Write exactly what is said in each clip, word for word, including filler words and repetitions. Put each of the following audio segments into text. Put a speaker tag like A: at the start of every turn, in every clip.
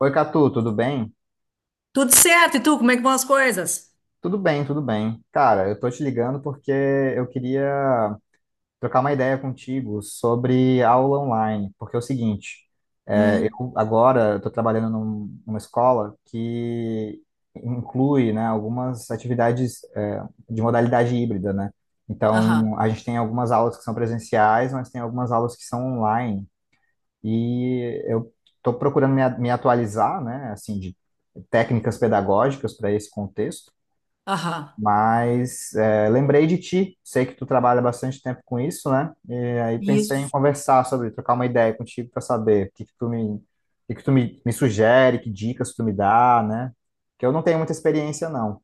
A: Oi, Catu, tudo bem?
B: Tudo certo, e tu, como é que vão as coisas?
A: Tudo bem, tudo bem. Cara, eu tô te ligando porque eu queria trocar uma ideia contigo sobre aula online, porque é o seguinte, é,
B: Hum.
A: eu agora estou trabalhando num- numa escola que inclui, né, algumas atividades, é, de modalidade híbrida, né?
B: Aham,
A: Então, a gente tem algumas aulas que são presenciais, mas tem algumas aulas que são online. E eu estou procurando me, a- me atualizar, né, assim, de técnicas pedagógicas para esse contexto,
B: aham.
A: mas é, lembrei de ti, sei que tu trabalha bastante tempo com isso, né, e aí pensei em
B: Isso.
A: conversar sobre, trocar uma ideia contigo para saber o que que tu me, o que que tu me, me sugere, que dicas tu me dá, né, que eu não tenho muita experiência, não.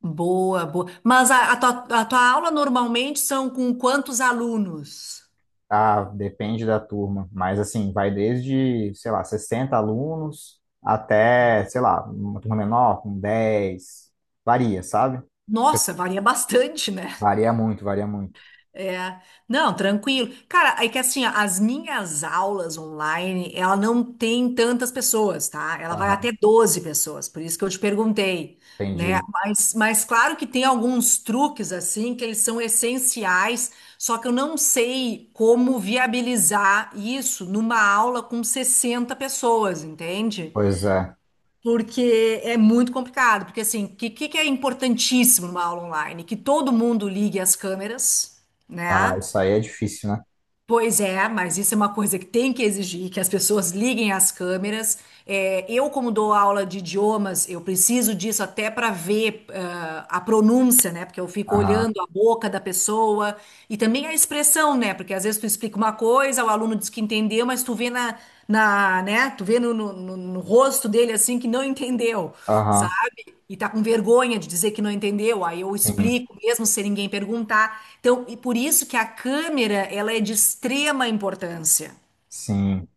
B: Boa, boa. Mas a, a tua, a tua aula normalmente são com quantos alunos?
A: Ah, depende da turma, mas assim, vai desde, sei lá, sessenta alunos até, sei lá, uma turma menor, com dez, varia, sabe? Porque
B: Nossa,
A: assim,
B: varia bastante, né?
A: varia muito, varia muito.
B: É, não, tranquilo. Cara, é que assim, ó, as minhas aulas online, ela não tem tantas pessoas, tá? Ela vai
A: Aham,
B: até doze pessoas, por isso que eu te perguntei, né?
A: entendi.
B: Mas, mas claro que tem alguns truques, assim, que eles são essenciais, só que eu não sei como viabilizar isso numa aula com sessenta pessoas, entende?
A: Pois é.
B: Porque é muito complicado, porque assim, o que, que que é importantíssimo numa aula online? Que todo mundo ligue as câmeras,
A: Ah,
B: né?
A: isso aí é difícil, né?
B: Pois é, mas isso é uma coisa que tem que exigir que as pessoas liguem as câmeras. É, eu, como dou aula de idiomas, eu preciso disso até para ver ah, a pronúncia, né? Porque eu fico
A: Aham,
B: olhando a boca da pessoa e também a expressão, né? Porque às vezes tu explica uma coisa, o aluno diz que entendeu, mas tu vê na, na, né? Tu vê no, no, no no rosto dele assim que não entendeu,
A: aham,
B: sabe? E tá com vergonha de dizer que não entendeu, aí eu
A: sim,
B: explico mesmo sem ninguém perguntar. Então, e por isso que a câmera, ela é de extrema importância
A: sim.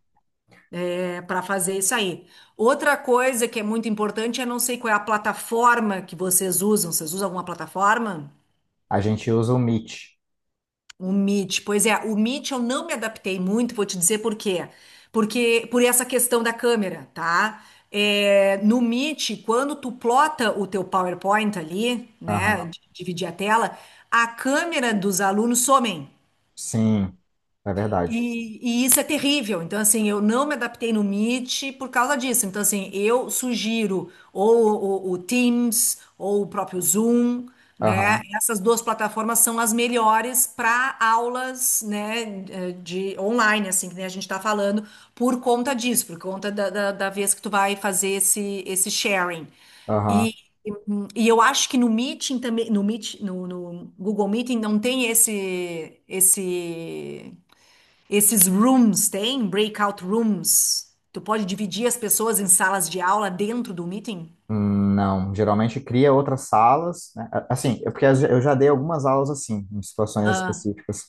B: para fazer isso aí. Outra coisa que é muito importante, eu não sei qual é a plataforma que vocês usam. Vocês usam alguma plataforma?
A: A gente usa o Meet.
B: O Meet, pois é, o Meet eu não me adaptei muito, vou te dizer por quê. Porque por essa questão da câmera, tá? É, no Meet, quando tu plota o teu PowerPoint ali, né,
A: Aham,
B: de dividir a tela, a câmera dos alunos somem.
A: sim, é verdade.
B: E, e isso é terrível. Então, assim, eu não me adaptei no Meet por causa disso. Então, assim, eu sugiro ou o, o Teams ou o próprio Zoom, né?
A: Aham,
B: Essas duas plataformas são as melhores para aulas, né, eh, de online, assim, que nem a gente está falando, por conta disso, por conta da, da, da vez que tu vai fazer esse, esse sharing.
A: aham.
B: E, e eu acho que no Meeting também, no Meet, no, no Google Meeting não tem esse, esse esses rooms tem breakout rooms. Tu pode dividir as pessoas em salas de aula dentro do meeting.
A: Hum, não, geralmente cria outras salas, né? A- Assim, é porque eu já dei algumas aulas assim, em situações
B: Ah,
A: específicas.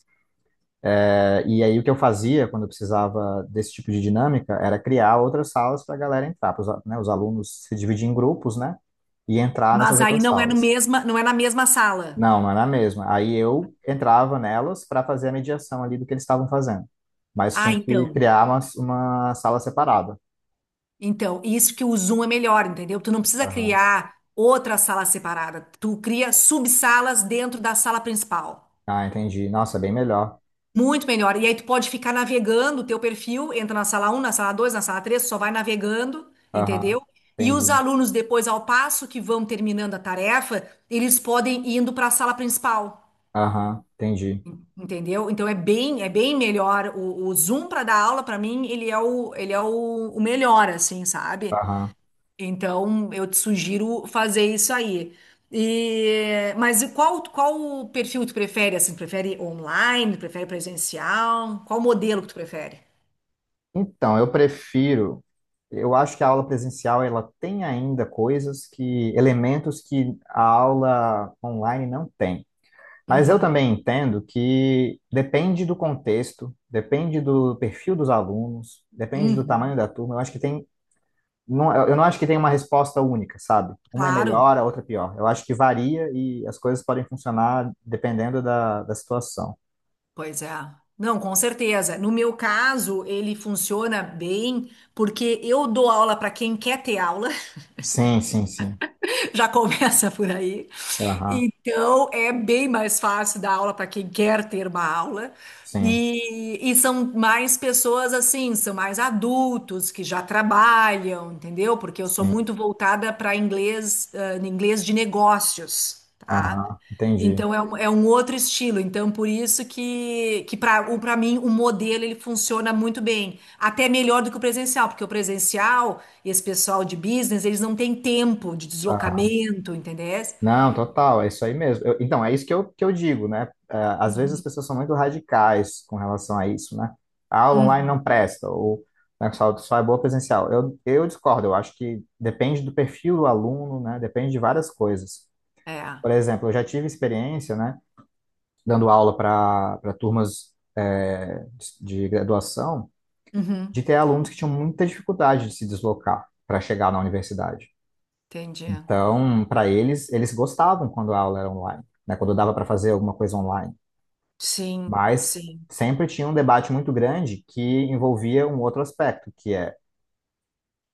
A: É, E aí o que eu fazia quando eu precisava desse tipo de dinâmica era criar outras salas para a galera entrar, para né, os alunos se dividir em grupos, né, e entrar nessas
B: mas aí
A: outras
B: não é no
A: salas.
B: mesma, não é na mesma sala.
A: Não, não era a mesma. Aí eu entrava nelas para fazer a mediação ali do que eles estavam fazendo, mas
B: Ah,
A: tinha que
B: então.
A: criar uma, uma sala separada.
B: Então, isso que o Zoom é melhor, entendeu? Tu não precisa
A: Aham.
B: criar outra sala separada. Tu cria subsalas dentro da sala principal.
A: Ah, entendi. Nossa, é bem melhor.
B: Muito melhor. E aí tu pode ficar navegando o teu perfil, entra na sala um, na sala dois, na sala três, só vai navegando,
A: Aham,
B: entendeu? E os
A: entendi.
B: alunos, depois, ao passo que vão terminando a tarefa, eles podem ir indo para a sala principal,
A: Aham, entendi.
B: entendeu? Então é bem, é bem melhor. O, o Zoom para dar aula, para mim, ele é o, ele é o, o melhor, assim, sabe?
A: Aham.
B: Então, eu te sugiro fazer isso aí. E, mas e qual, qual o perfil que tu prefere? Assim, prefere online? Prefere presencial? Qual modelo que tu prefere?
A: Então, eu prefiro. Eu acho que a aula presencial ela tem ainda coisas que, elementos que a aula online não tem. Mas eu
B: Uhum.
A: também entendo que depende do contexto, depende do perfil dos alunos, depende do tamanho
B: Uhum.
A: da turma. Eu acho que tem, não, eu não acho que tem uma resposta única, sabe? Uma é
B: Claro,
A: melhor, a outra é pior. Eu acho que varia e as coisas podem funcionar dependendo da, da situação.
B: pois é. Não, com certeza. No meu caso, ele funciona bem porque eu dou aula para quem quer ter aula.
A: Sim, sim, sim.
B: Já começa por aí.
A: Aham,
B: Então, é bem mais fácil dar aula para quem quer ter uma aula.
A: sim,
B: E, e são mais pessoas assim, são mais adultos que já trabalham, entendeu? Porque eu sou
A: sim.
B: muito voltada para inglês, ah, inglês de negócios, tá?
A: Aham, entendi.
B: Então é um, é um outro estilo. Então por isso que, que para para mim o modelo ele funciona muito bem, até melhor do que o presencial, porque o presencial e esse pessoal de business, eles não têm tempo de
A: Aham.
B: deslocamento, entendeu?
A: Não, total, é isso aí mesmo. Eu- então, é isso que eu, que eu digo, né? É, às vezes as
B: Uhum.
A: pessoas são muito radicais com relação a isso, né? A aula online
B: Uhum.
A: não presta, ou né, só, só é boa presencial. Eu, eu discordo, eu acho que depende do perfil do aluno, né? Depende de várias coisas.
B: É.
A: Por exemplo, eu já tive experiência, né? Dando aula para para turmas é, de de graduação,
B: Uhum.
A: de ter alunos que tinham muita dificuldade de se deslocar para chegar na universidade.
B: Entendi.
A: Então, para eles, eles gostavam quando a aula era online, né? Quando dava para fazer alguma coisa online.
B: Sim,
A: Mas
B: sim.
A: sempre tinha um debate muito grande que envolvia um outro aspecto, que é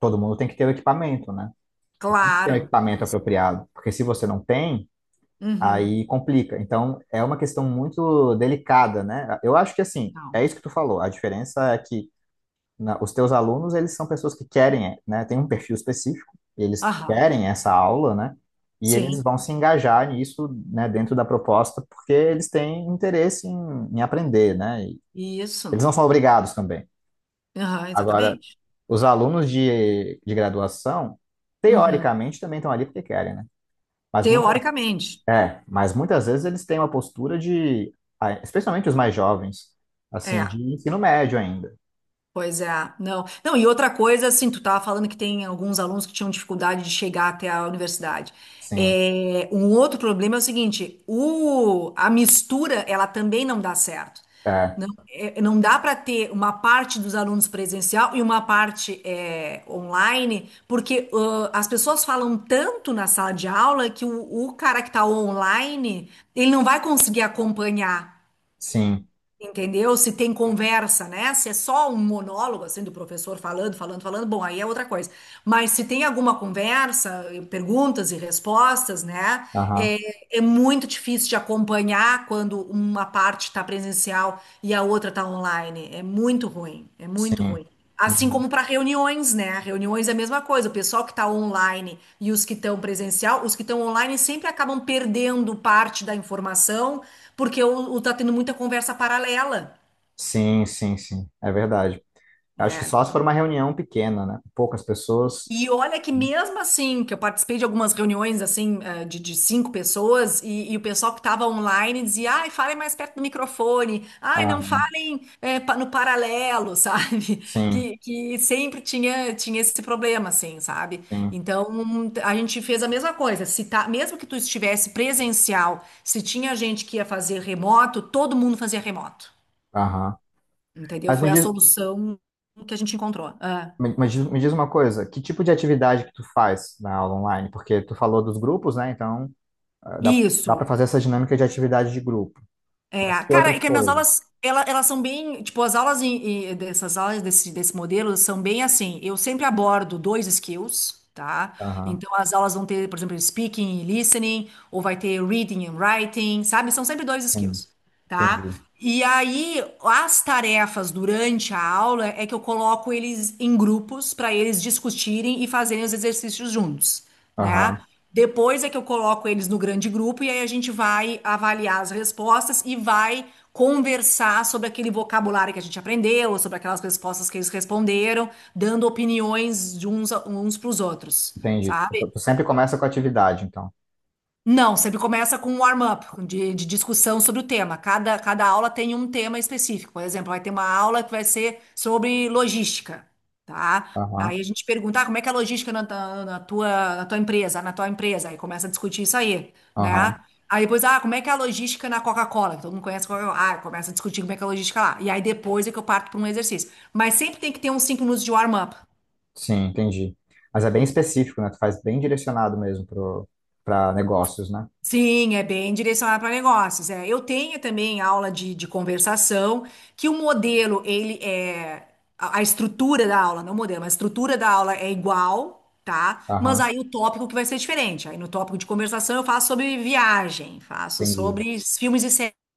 A: todo mundo tem que ter o equipamento, né? Você tem que ter o
B: Claro.
A: equipamento apropriado, porque se você não tem,
B: Uhum.
A: aí complica. Então, é uma questão muito delicada, né? Eu acho que assim,
B: Não.
A: é isso que tu falou. A diferença é que na- os teus alunos, eles são pessoas que querem, né, tem um perfil específico, eles
B: Aham.
A: querem essa aula, né, e eles
B: Sim.
A: vão se engajar nisso, né, dentro da proposta, porque eles têm interesse em, em aprender, né, e eles
B: Isso.
A: não são obrigados também.
B: Aham,
A: Agora,
B: exatamente.
A: os alunos de, de graduação,
B: Uhum.
A: teoricamente, também estão ali porque querem, né, mas muitas,
B: Teoricamente.
A: é, mas muitas vezes eles têm uma postura de, ah, especialmente os mais jovens, assim, de
B: É.
A: ensino médio ainda,
B: Pois é, não. Não, e outra coisa, assim, tu tava falando que tem alguns alunos que tinham dificuldade de chegar até a universidade.
A: sim,
B: É, um outro problema é o seguinte, o, a mistura, ela também não dá certo.
A: é,
B: Não, é, não dá para ter uma parte dos alunos presencial e uma parte é, online, porque ãh, as pessoas falam tanto na sala de aula que o, o cara que está online, ele não vai conseguir acompanhar.
A: sim.
B: Entendeu? Se tem conversa, né? Se é só um monólogo, assim, do professor falando, falando, falando, bom, aí é outra coisa. Mas se tem alguma conversa, eh, perguntas e respostas, né?
A: Aham.
B: É, é muito difícil de acompanhar quando uma parte está presencial e a outra está online. É muito ruim, é muito
A: Sim.
B: ruim. Assim
A: Uhum.
B: como para reuniões, né? Reuniões é a mesma coisa. O pessoal que está online e os que estão presencial, os que estão online sempre acabam perdendo parte da informação, porque o, o tá tendo muita conversa paralela.
A: Sim, sim, sim. É verdade. Acho que
B: Né?
A: só se for
B: Então,
A: uma reunião pequena, né? Poucas pessoas.
B: e olha que mesmo assim, que eu participei de algumas reuniões assim, eh, de, de cinco pessoas, e, e o pessoal que estava online dizia, ai, falem mais perto do microfone, ai, não
A: Ah,
B: falem eh, pa- no paralelo, sabe?
A: sim,
B: Que, que sempre tinha, tinha esse problema, assim, sabe?
A: sim.
B: Então, a gente fez a mesma coisa, se tá, mesmo que tu estivesse presencial, se tinha gente que ia fazer remoto, todo mundo fazia remoto,
A: Aham.
B: entendeu?
A: Mas me
B: Foi a
A: diz,
B: solução que a gente encontrou. Ah,
A: me, mas diz- me diz uma coisa, que tipo de atividade que tu faz na aula online? Porque tu falou dos grupos, né? Então, ah, dá, dá para
B: isso.
A: fazer essa dinâmica de atividade de grupo.
B: É,
A: Mas que
B: cara, é
A: outras
B: que as minhas
A: coisas?
B: aulas, ela- elas são bem, tipo, as aulas em- em- dessas aulas desse, desse modelo são bem assim, eu sempre abordo dois skills, tá?
A: Aham,
B: Então, as aulas vão ter, por exemplo, speaking e listening, ou vai ter reading and writing, sabe? São sempre dois
A: sim,
B: skills, tá?
A: entendi.
B: E aí, as tarefas durante a aula é que eu coloco eles em grupos para eles discutirem e fazerem os exercícios juntos, né?
A: Aham,
B: Depois é que eu coloco eles no grande grupo e aí a gente vai avaliar as respostas e vai conversar sobre aquele vocabulário que a gente aprendeu, sobre aquelas respostas que eles responderam, dando opiniões de uns, a- uns para os outros,
A: entendi.
B: sabe?
A: Tu tu sempre começa com atividade, então.
B: Não, sempre começa com um warm-up de, de discussão sobre o tema. Cada, cada aula tem um tema específico. Por exemplo, vai ter uma aula que vai ser sobre logística, tá?
A: Aham,
B: Aí a gente pergunta, ah, como é que é a logística na, ta- na tua, na tua empresa, na tua empresa? Aí começa a discutir isso aí,
A: aham.
B: né? Aí depois, ah, como é que é a logística na Coca-Cola? Que todo mundo conhece a Coca-Cola. Ah, começa a discutir como é que é a logística lá. E aí depois é que eu parto para um exercício. Mas sempre tem que ter uns cinco minutos de warm-up.
A: Sim, entendi. Mas é bem específico, né? Tu faz bem direcionado mesmo pro, pra negócios, né?
B: Sim, é bem direcionado para negócios. É. Eu tenho também aula de, de conversação, que o modelo, ele é. A, a estrutura da aula, não o modelo, mas a estrutura da aula é igual, tá? Mas
A: Aham,
B: aí o tópico que vai ser diferente. Aí no tópico de conversação eu faço sobre viagem, faço
A: entendi.
B: sobre filmes e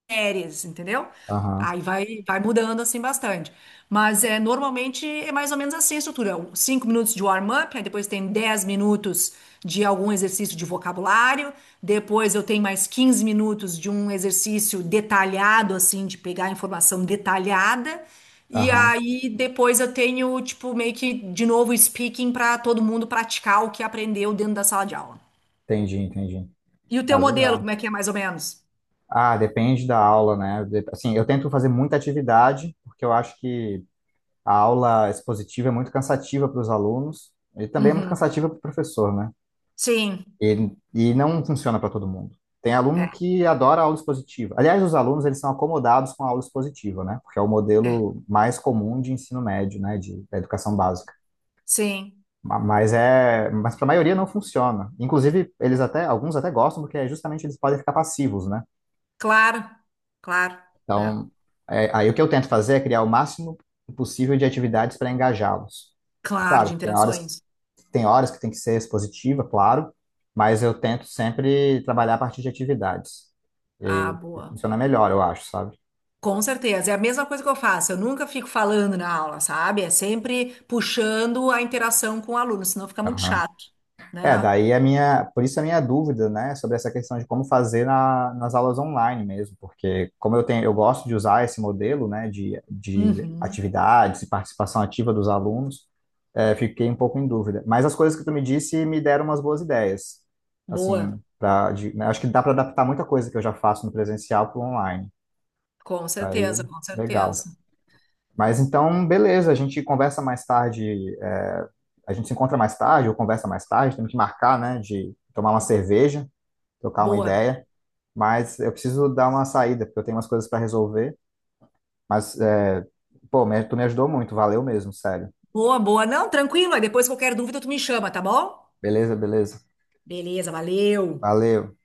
B: séries, entendeu?
A: Aham,
B: Aí vai, vai mudando assim bastante. Mas é, normalmente é mais ou menos assim a estrutura. Um- Cinco minutos de warm-up, aí depois tem dez minutos de algum exercício de vocabulário, depois eu tenho mais quinze minutos de um exercício detalhado, assim, de pegar informação detalhada, e
A: aham,
B: aí depois eu tenho, tipo, meio que de novo speaking para todo mundo praticar o que aprendeu dentro da sala de aula.
A: entendi, entendi.
B: E o teu
A: Ah,
B: modelo,
A: legal.
B: como é que é mais ou menos?
A: Ah, depende da aula, né? De- Assim, eu tento fazer muita atividade, porque eu acho que a aula expositiva é muito cansativa para os alunos e também é muito
B: Uhum.
A: cansativa para o professor, né?
B: Sim,
A: E, e não funciona para todo mundo. Tem
B: é,
A: aluno que adora aula expositiva. Aliás, os alunos eles são acomodados com a aula expositiva, né? Porque é o
B: é,
A: modelo mais comum de ensino médio, né? De, da educação básica.
B: sim.
A: Ma- Mas é, mas para a maioria não funciona. Inclusive, eles até, alguns até gostam porque é justamente eles podem ficar passivos, né?
B: Claro, claro, é,
A: Então, é, aí o que eu tento fazer é criar o máximo possível de atividades para engajá-los.
B: claro, de
A: Claro, tem horas,
B: interações.
A: tem horas que tem que ser expositiva, claro, mas eu tento sempre trabalhar a partir de atividades.
B: Ah,
A: E
B: boa.
A: funciona melhor, eu acho, sabe?
B: Com certeza. É a mesma coisa que eu faço. Eu nunca fico falando na aula, sabe? É sempre puxando a interação com o aluno, senão fica muito chato,
A: É,
B: né?
A: daí a minha, por isso a minha dúvida, né, sobre essa questão de como fazer na, nas aulas online mesmo, porque como eu tenho, eu gosto de usar esse modelo, né, de, de
B: Uhum.
A: atividades e participação ativa dos alunos, é, fiquei um pouco em dúvida. Mas as coisas que tu me disse me deram umas boas ideias, assim,
B: Boa.
A: pra, de, né, acho que dá para adaptar muita coisa que eu já faço no presencial para o online.
B: Com
A: Isso
B: certeza,
A: aí,
B: com certeza.
A: legal. Mas então, beleza, a gente conversa mais tarde, é, a gente se encontra mais tarde ou conversa mais tarde, temos que marcar, né, de tomar uma cerveja, trocar uma
B: Boa.
A: ideia, mas eu preciso dar uma saída, porque eu tenho umas coisas para resolver, mas, é, pô, me- tu me ajudou muito, valeu mesmo, sério.
B: Boa, boa. Não, tranquilo. Aí depois qualquer dúvida tu me chama, tá bom?
A: Beleza, beleza.
B: Beleza, valeu.
A: Valeu.